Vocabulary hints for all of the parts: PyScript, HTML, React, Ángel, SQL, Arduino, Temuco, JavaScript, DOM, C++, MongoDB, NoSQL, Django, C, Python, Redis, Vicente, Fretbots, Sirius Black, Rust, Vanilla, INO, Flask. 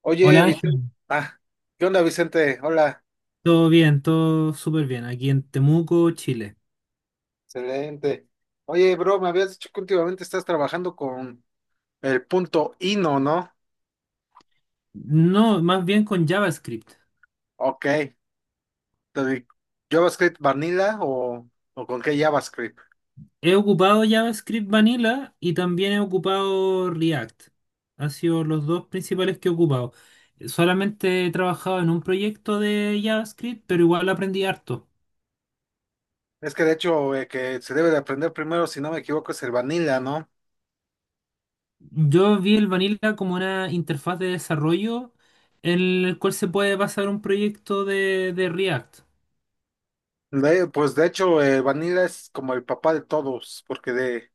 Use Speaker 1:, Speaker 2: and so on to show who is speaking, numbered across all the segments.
Speaker 1: Oye,
Speaker 2: Hola
Speaker 1: Vicente.
Speaker 2: Ángel,
Speaker 1: Ah, ¿qué onda, Vicente? Hola,
Speaker 2: todo bien, todo súper bien, aquí en Temuco, Chile.
Speaker 1: excelente. Oye, bro, me habías dicho que últimamente estás trabajando con el punto INO, ¿no?
Speaker 2: No, más bien con JavaScript.
Speaker 1: Ok. Entonces, ¿JavaScript Vanilla o con qué JavaScript?
Speaker 2: He ocupado JavaScript Vanilla y también he ocupado React. Han sido los dos principales que he ocupado. Solamente he trabajado en un proyecto de JavaScript, pero igual aprendí harto.
Speaker 1: Es que de hecho, que se debe de aprender primero, si no me equivoco, es el Vanilla, ¿no?
Speaker 2: Yo vi el Vanilla como una interfaz de desarrollo en el cual se puede pasar un proyecto de React.
Speaker 1: Pues de hecho, el Vanilla es como el papá de todos, porque de,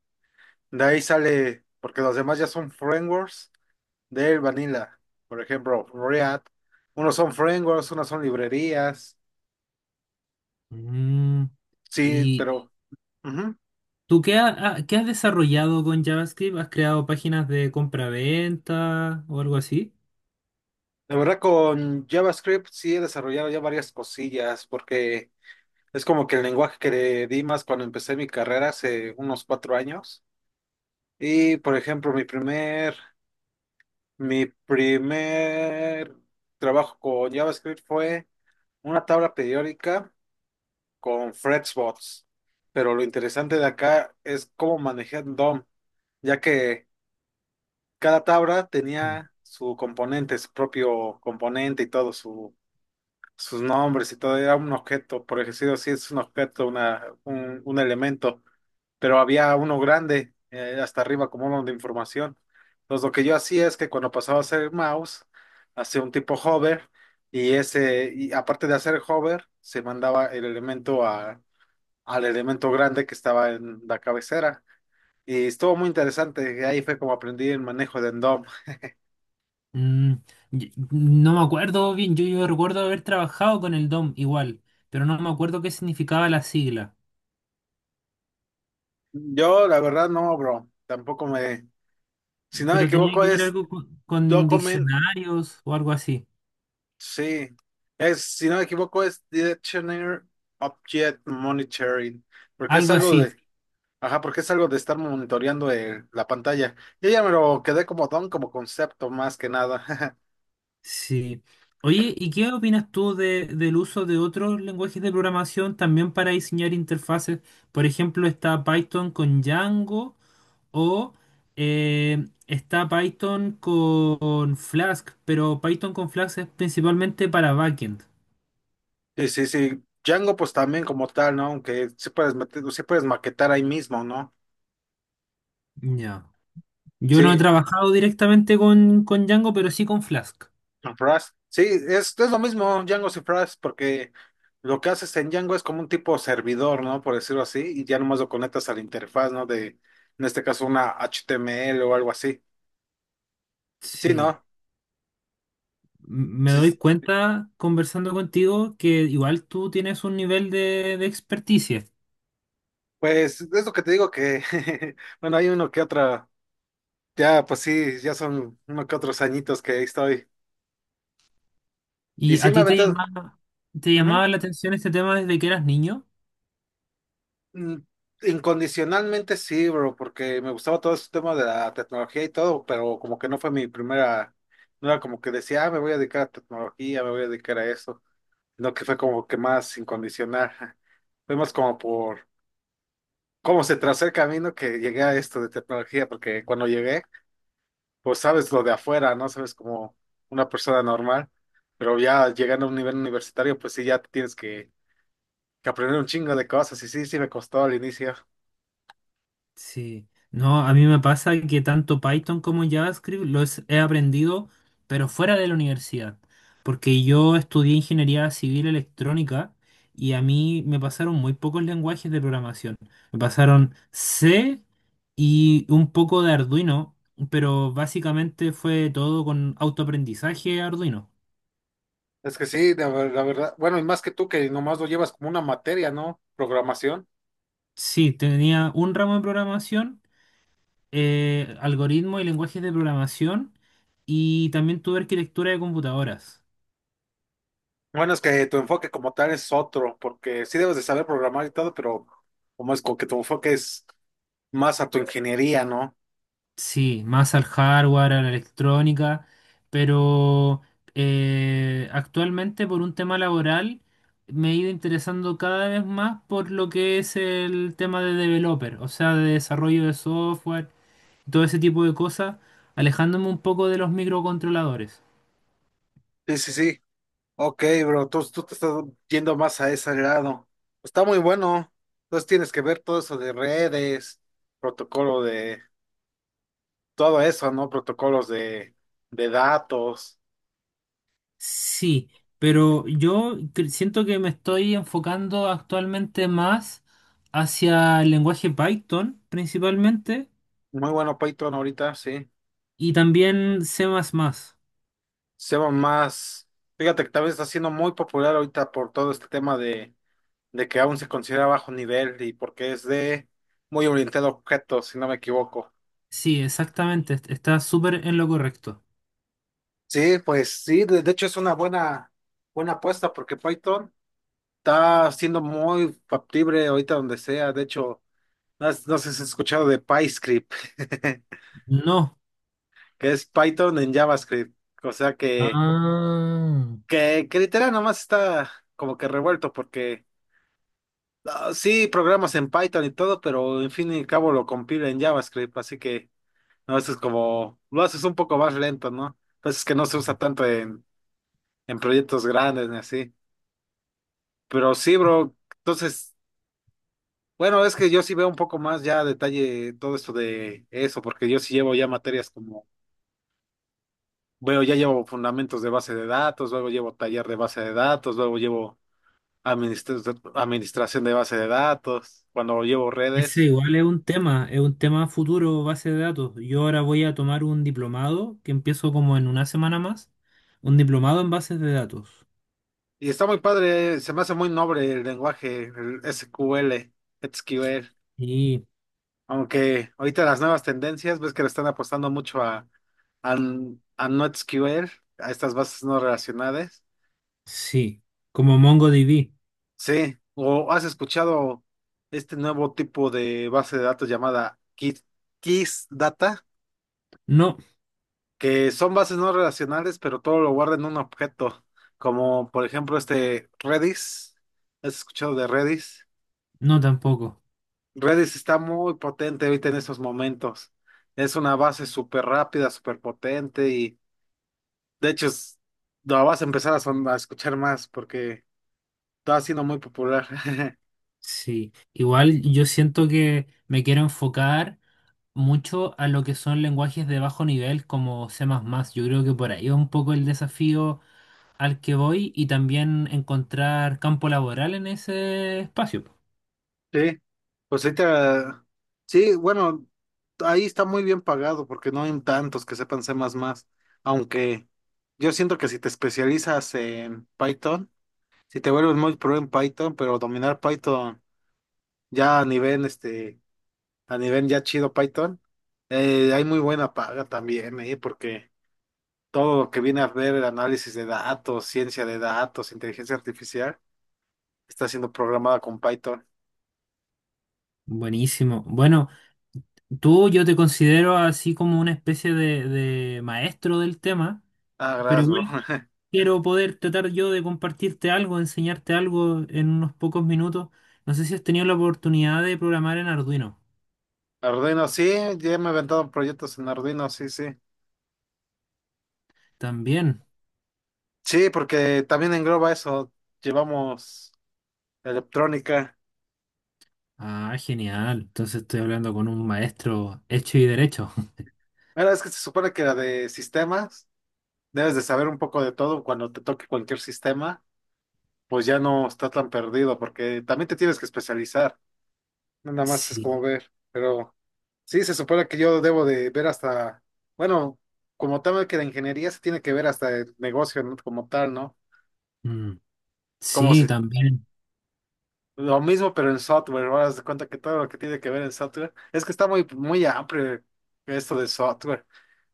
Speaker 1: de ahí sale, porque los demás ya son frameworks del Vanilla, por ejemplo, React. Unos son frameworks, unos son librerías.
Speaker 2: Mm.
Speaker 1: Sí, pero ujú.
Speaker 2: ¿Tú qué, qué has desarrollado con JavaScript? ¿Has creado páginas de compra-venta o algo así?
Speaker 1: La verdad con JavaScript sí he desarrollado ya varias cosillas porque es como que el lenguaje que le di más cuando empecé mi carrera hace unos 4 años. Y por ejemplo, mi primer trabajo con JavaScript fue una tabla periódica con Fretbots. Pero lo interesante de acá es cómo manejé DOM, ya que cada tabla
Speaker 2: Sí.
Speaker 1: tenía su componente, su propio componente y todo, sus nombres y todo, era un objeto, por ejemplo, sí es un objeto, un elemento, pero había uno grande hasta arriba como uno de información. Entonces lo que yo hacía es que cuando pasaba a hacer mouse, hacía un tipo hover y ese, y aparte de hacer hover, se mandaba el elemento a, al elemento grande que estaba en la cabecera. Y estuvo muy interesante, y ahí fue como aprendí el manejo de Endom.
Speaker 2: Mm, no me acuerdo bien. Yo recuerdo haber trabajado con el DOM igual, pero no me acuerdo qué significaba la sigla.
Speaker 1: Yo, la verdad, no, bro. Tampoco me. Si no me
Speaker 2: Pero tenía
Speaker 1: equivoco,
Speaker 2: que ver
Speaker 1: es
Speaker 2: algo con
Speaker 1: Document.
Speaker 2: diccionarios o algo así.
Speaker 1: Sí. Es, si no me equivoco, es Directioner Object Monitoring. Porque es
Speaker 2: Algo
Speaker 1: algo
Speaker 2: así,
Speaker 1: de. Ajá, porque es algo de estar monitoreando la pantalla. Yo ya me lo quedé como don, como concepto, más que nada.
Speaker 2: sí. Oye, ¿y qué opinas tú del uso de otros lenguajes de programación también para diseñar interfaces? Por ejemplo, está Python con Django. O está Python con Flask, pero Python con Flask es principalmente para backend.
Speaker 1: Sí, sí, sí. Django, pues también como tal, ¿no? Aunque sí puedes meter, sí puedes maquetar ahí mismo, ¿no?
Speaker 2: Ya. Yo no
Speaker 1: Sí,
Speaker 2: he trabajado directamente con Django, pero sí con Flask.
Speaker 1: Rust. Sí, es lo mismo Django y Rust, porque lo que haces en Django es como un tipo servidor, ¿no? Por decirlo así, y ya nomás lo conectas a la interfaz, ¿no? De, en este caso, una HTML o algo así. Sí,
Speaker 2: Sí.
Speaker 1: ¿no?
Speaker 2: Me
Speaker 1: Sí,
Speaker 2: doy cuenta conversando contigo que igual tú tienes un nivel de experticia.
Speaker 1: pues es lo que te digo que, bueno, hay uno que otra, ya, pues sí, ya son uno que otros añitos que ahí estoy. Y
Speaker 2: ¿Y
Speaker 1: sí,
Speaker 2: a
Speaker 1: me ha
Speaker 2: ti
Speaker 1: aventado.
Speaker 2: te llamaba
Speaker 1: Ujú.
Speaker 2: la atención este tema desde que eras niño?
Speaker 1: Mm, Incondicionalmente sí, bro, porque me gustaba todo ese tema de la tecnología y todo, pero como que no fue mi primera, no era como que decía, ah, me voy a dedicar a tecnología, me voy a dedicar a eso, no que fue como que más incondicional. Fue más como por cómo se trazó el camino que llegué a esto de tecnología, porque cuando llegué, pues sabes lo de afuera, ¿no? Sabes como una persona normal, pero ya llegando a un nivel universitario, pues sí, ya tienes que aprender un chingo de cosas y sí, sí me costó al inicio.
Speaker 2: Sí, no, a mí me pasa que tanto Python como JavaScript los he aprendido, pero fuera de la universidad, porque yo estudié ingeniería civil electrónica y a mí me pasaron muy pocos lenguajes de programación. Me pasaron C y un poco de Arduino, pero básicamente fue todo con autoaprendizaje Arduino.
Speaker 1: Es que sí, la verdad, bueno, y más que tú que nomás lo llevas como una materia, ¿no? Programación.
Speaker 2: Sí, tenía un ramo de programación, algoritmos y lenguajes de programación, y también tuve arquitectura de computadoras.
Speaker 1: Bueno, es que tu enfoque como tal es otro, porque sí debes de saber programar y todo, pero como es como que tu enfoque es más a tu ingeniería, ¿no?
Speaker 2: Sí, más al hardware, a la electrónica, pero actualmente por un tema laboral me he ido interesando cada vez más por lo que es el tema de developer, o sea, de desarrollo de software, todo ese tipo de cosas, alejándome un poco de los microcontroladores.
Speaker 1: Sí, sí, sí. Ok, bro, tú te estás yendo más a ese lado. Está muy bueno. Entonces tienes que ver todo eso de redes, protocolo de, todo eso, ¿no? Protocolos de datos.
Speaker 2: Sí, pero siento que me estoy enfocando actualmente más hacia el lenguaje Python principalmente
Speaker 1: Muy bueno Python ahorita, sí.
Speaker 2: y también C++.
Speaker 1: Seba más, fíjate que también está siendo muy popular ahorita por todo este tema de, que aún se considera bajo nivel y porque es de muy orientado a objetos, si no me equivoco.
Speaker 2: Sí, exactamente, está súper en lo correcto.
Speaker 1: Sí, pues sí, de hecho es una buena, buena apuesta porque Python está siendo muy factible ahorita donde sea. De hecho, no, no sé si has escuchado de PyScript,
Speaker 2: No.
Speaker 1: que es Python en JavaScript. O sea
Speaker 2: Ah,
Speaker 1: que literal nomás está como que revuelto porque Ah, sí, programas en Python y todo, pero en fin y al cabo lo compila en JavaScript, así que no a es como lo haces un poco más lento, ¿no? Pues es que no se usa tanto en proyectos grandes ni así. Pero sí, bro, entonces, bueno, es que yo sí veo un poco más ya a detalle todo esto de eso, porque yo sí llevo ya materias como, bueno ya llevo fundamentos de base de datos, luego llevo taller de base de datos, luego llevo administra- administración de base de datos, cuando llevo redes.
Speaker 2: ese igual es un tema futuro, base de datos. Yo ahora voy a tomar un diplomado que empiezo como en una semana más, un diplomado en bases de datos.
Speaker 1: Y está muy padre, se me hace muy noble el lenguaje, el SQL, SQL.
Speaker 2: Y
Speaker 1: Aunque ahorita las nuevas tendencias, ves que le están apostando mucho a, a NoSQL, a estas bases no relacionadas.
Speaker 2: sí, como MongoDB.
Speaker 1: Sí, o has escuchado este nuevo tipo de base de datos llamada Kiss Data,
Speaker 2: No,
Speaker 1: que son bases no relacionales, pero todo lo guarda en un objeto, como por ejemplo este Redis. ¿Has escuchado de Redis?
Speaker 2: no tampoco.
Speaker 1: Redis está muy potente ahorita en estos momentos. Es una base súper rápida, súper potente y de hecho la vas a empezar a, a escuchar más porque está siendo muy popular.
Speaker 2: Sí, igual yo siento que me quiero enfocar mucho a lo que son lenguajes de bajo nivel como C++. Yo creo que por ahí es un poco el desafío al que voy y también encontrar campo laboral en ese espacio.
Speaker 1: Sí, pues ahorita, sí, bueno, ahí está muy bien pagado porque no hay tantos que sepan C++, aunque yo siento que si te especializas en Python, si te vuelves muy pro en Python, pero dominar Python ya a nivel este a nivel ya chido Python, hay muy buena paga también, porque todo lo que viene a ver el análisis de datos, ciencia de datos, inteligencia artificial, está siendo programada con Python.
Speaker 2: Buenísimo. Bueno, tú yo te considero así como una especie de maestro del tema,
Speaker 1: Ah,
Speaker 2: pero
Speaker 1: gracias, bro.
Speaker 2: igual quiero poder tratar yo de compartirte algo, enseñarte algo en unos pocos minutos. No sé si has tenido la oportunidad de programar en Arduino.
Speaker 1: Arduino, sí, ya me he aventado proyectos en Arduino, sí, sí.
Speaker 2: También.
Speaker 1: Sí, porque también engloba eso, llevamos electrónica.
Speaker 2: Ah, genial. Entonces estoy hablando con un maestro hecho y derecho.
Speaker 1: Mira, es que se supone que la de sistemas, debes de saber un poco de todo cuando te toque cualquier sistema, pues ya no está tan perdido, porque también te tienes que especializar. No, nada más es
Speaker 2: Sí,
Speaker 1: como ver, pero sí, se supone que yo debo de ver hasta, bueno, como tal que la ingeniería se tiene que ver hasta el negocio, ¿no? Como tal, ¿no?
Speaker 2: mm,
Speaker 1: Como
Speaker 2: sí,
Speaker 1: si,
Speaker 2: también.
Speaker 1: lo mismo, pero en software, ahora haz de cuenta que todo lo que tiene que ver en software, es que está muy, muy amplio esto de software,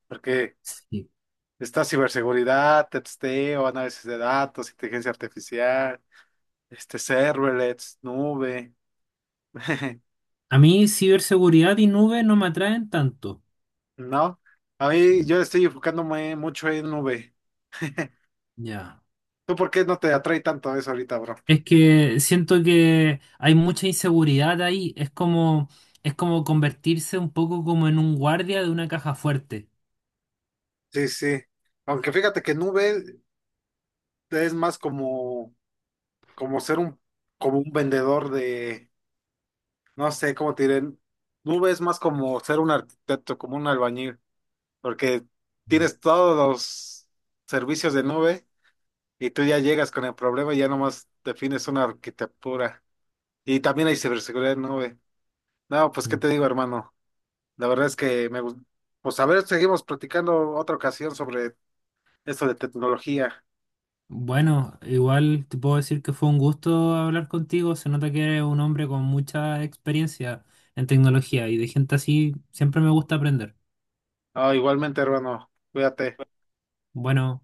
Speaker 1: porque
Speaker 2: Sí.
Speaker 1: está ciberseguridad, testeo, análisis de datos, inteligencia artificial, este, serverless, nube,
Speaker 2: A mí ciberseguridad y nube no me atraen tanto.
Speaker 1: ¿no? A mí
Speaker 2: Mm.
Speaker 1: yo estoy enfocándome mucho en nube.
Speaker 2: Ya.
Speaker 1: ¿Tú por qué no te atrae tanto eso ahorita, bro?
Speaker 2: Es que siento que hay mucha inseguridad ahí. Es como convertirse un poco como en un guardia de una caja fuerte.
Speaker 1: Sí, sí. Aunque fíjate que Nube es más como, como ser un, como un vendedor de, no sé cómo te diré. Nube es más como ser un arquitecto, como un albañil, porque tienes todos los servicios de Nube y tú ya llegas con el problema y ya nomás defines una arquitectura. Y también hay ciberseguridad en Nube. No, pues qué
Speaker 2: Mm.
Speaker 1: te digo, hermano. La verdad es que me gusta. Pues a ver, seguimos platicando otra ocasión sobre eso de tecnología.
Speaker 2: Bueno, igual te puedo decir que fue un gusto hablar contigo. Se nota que eres un hombre con mucha experiencia en tecnología y de gente así siempre me gusta aprender.
Speaker 1: Ah, igualmente, hermano, cuídate.
Speaker 2: Bueno.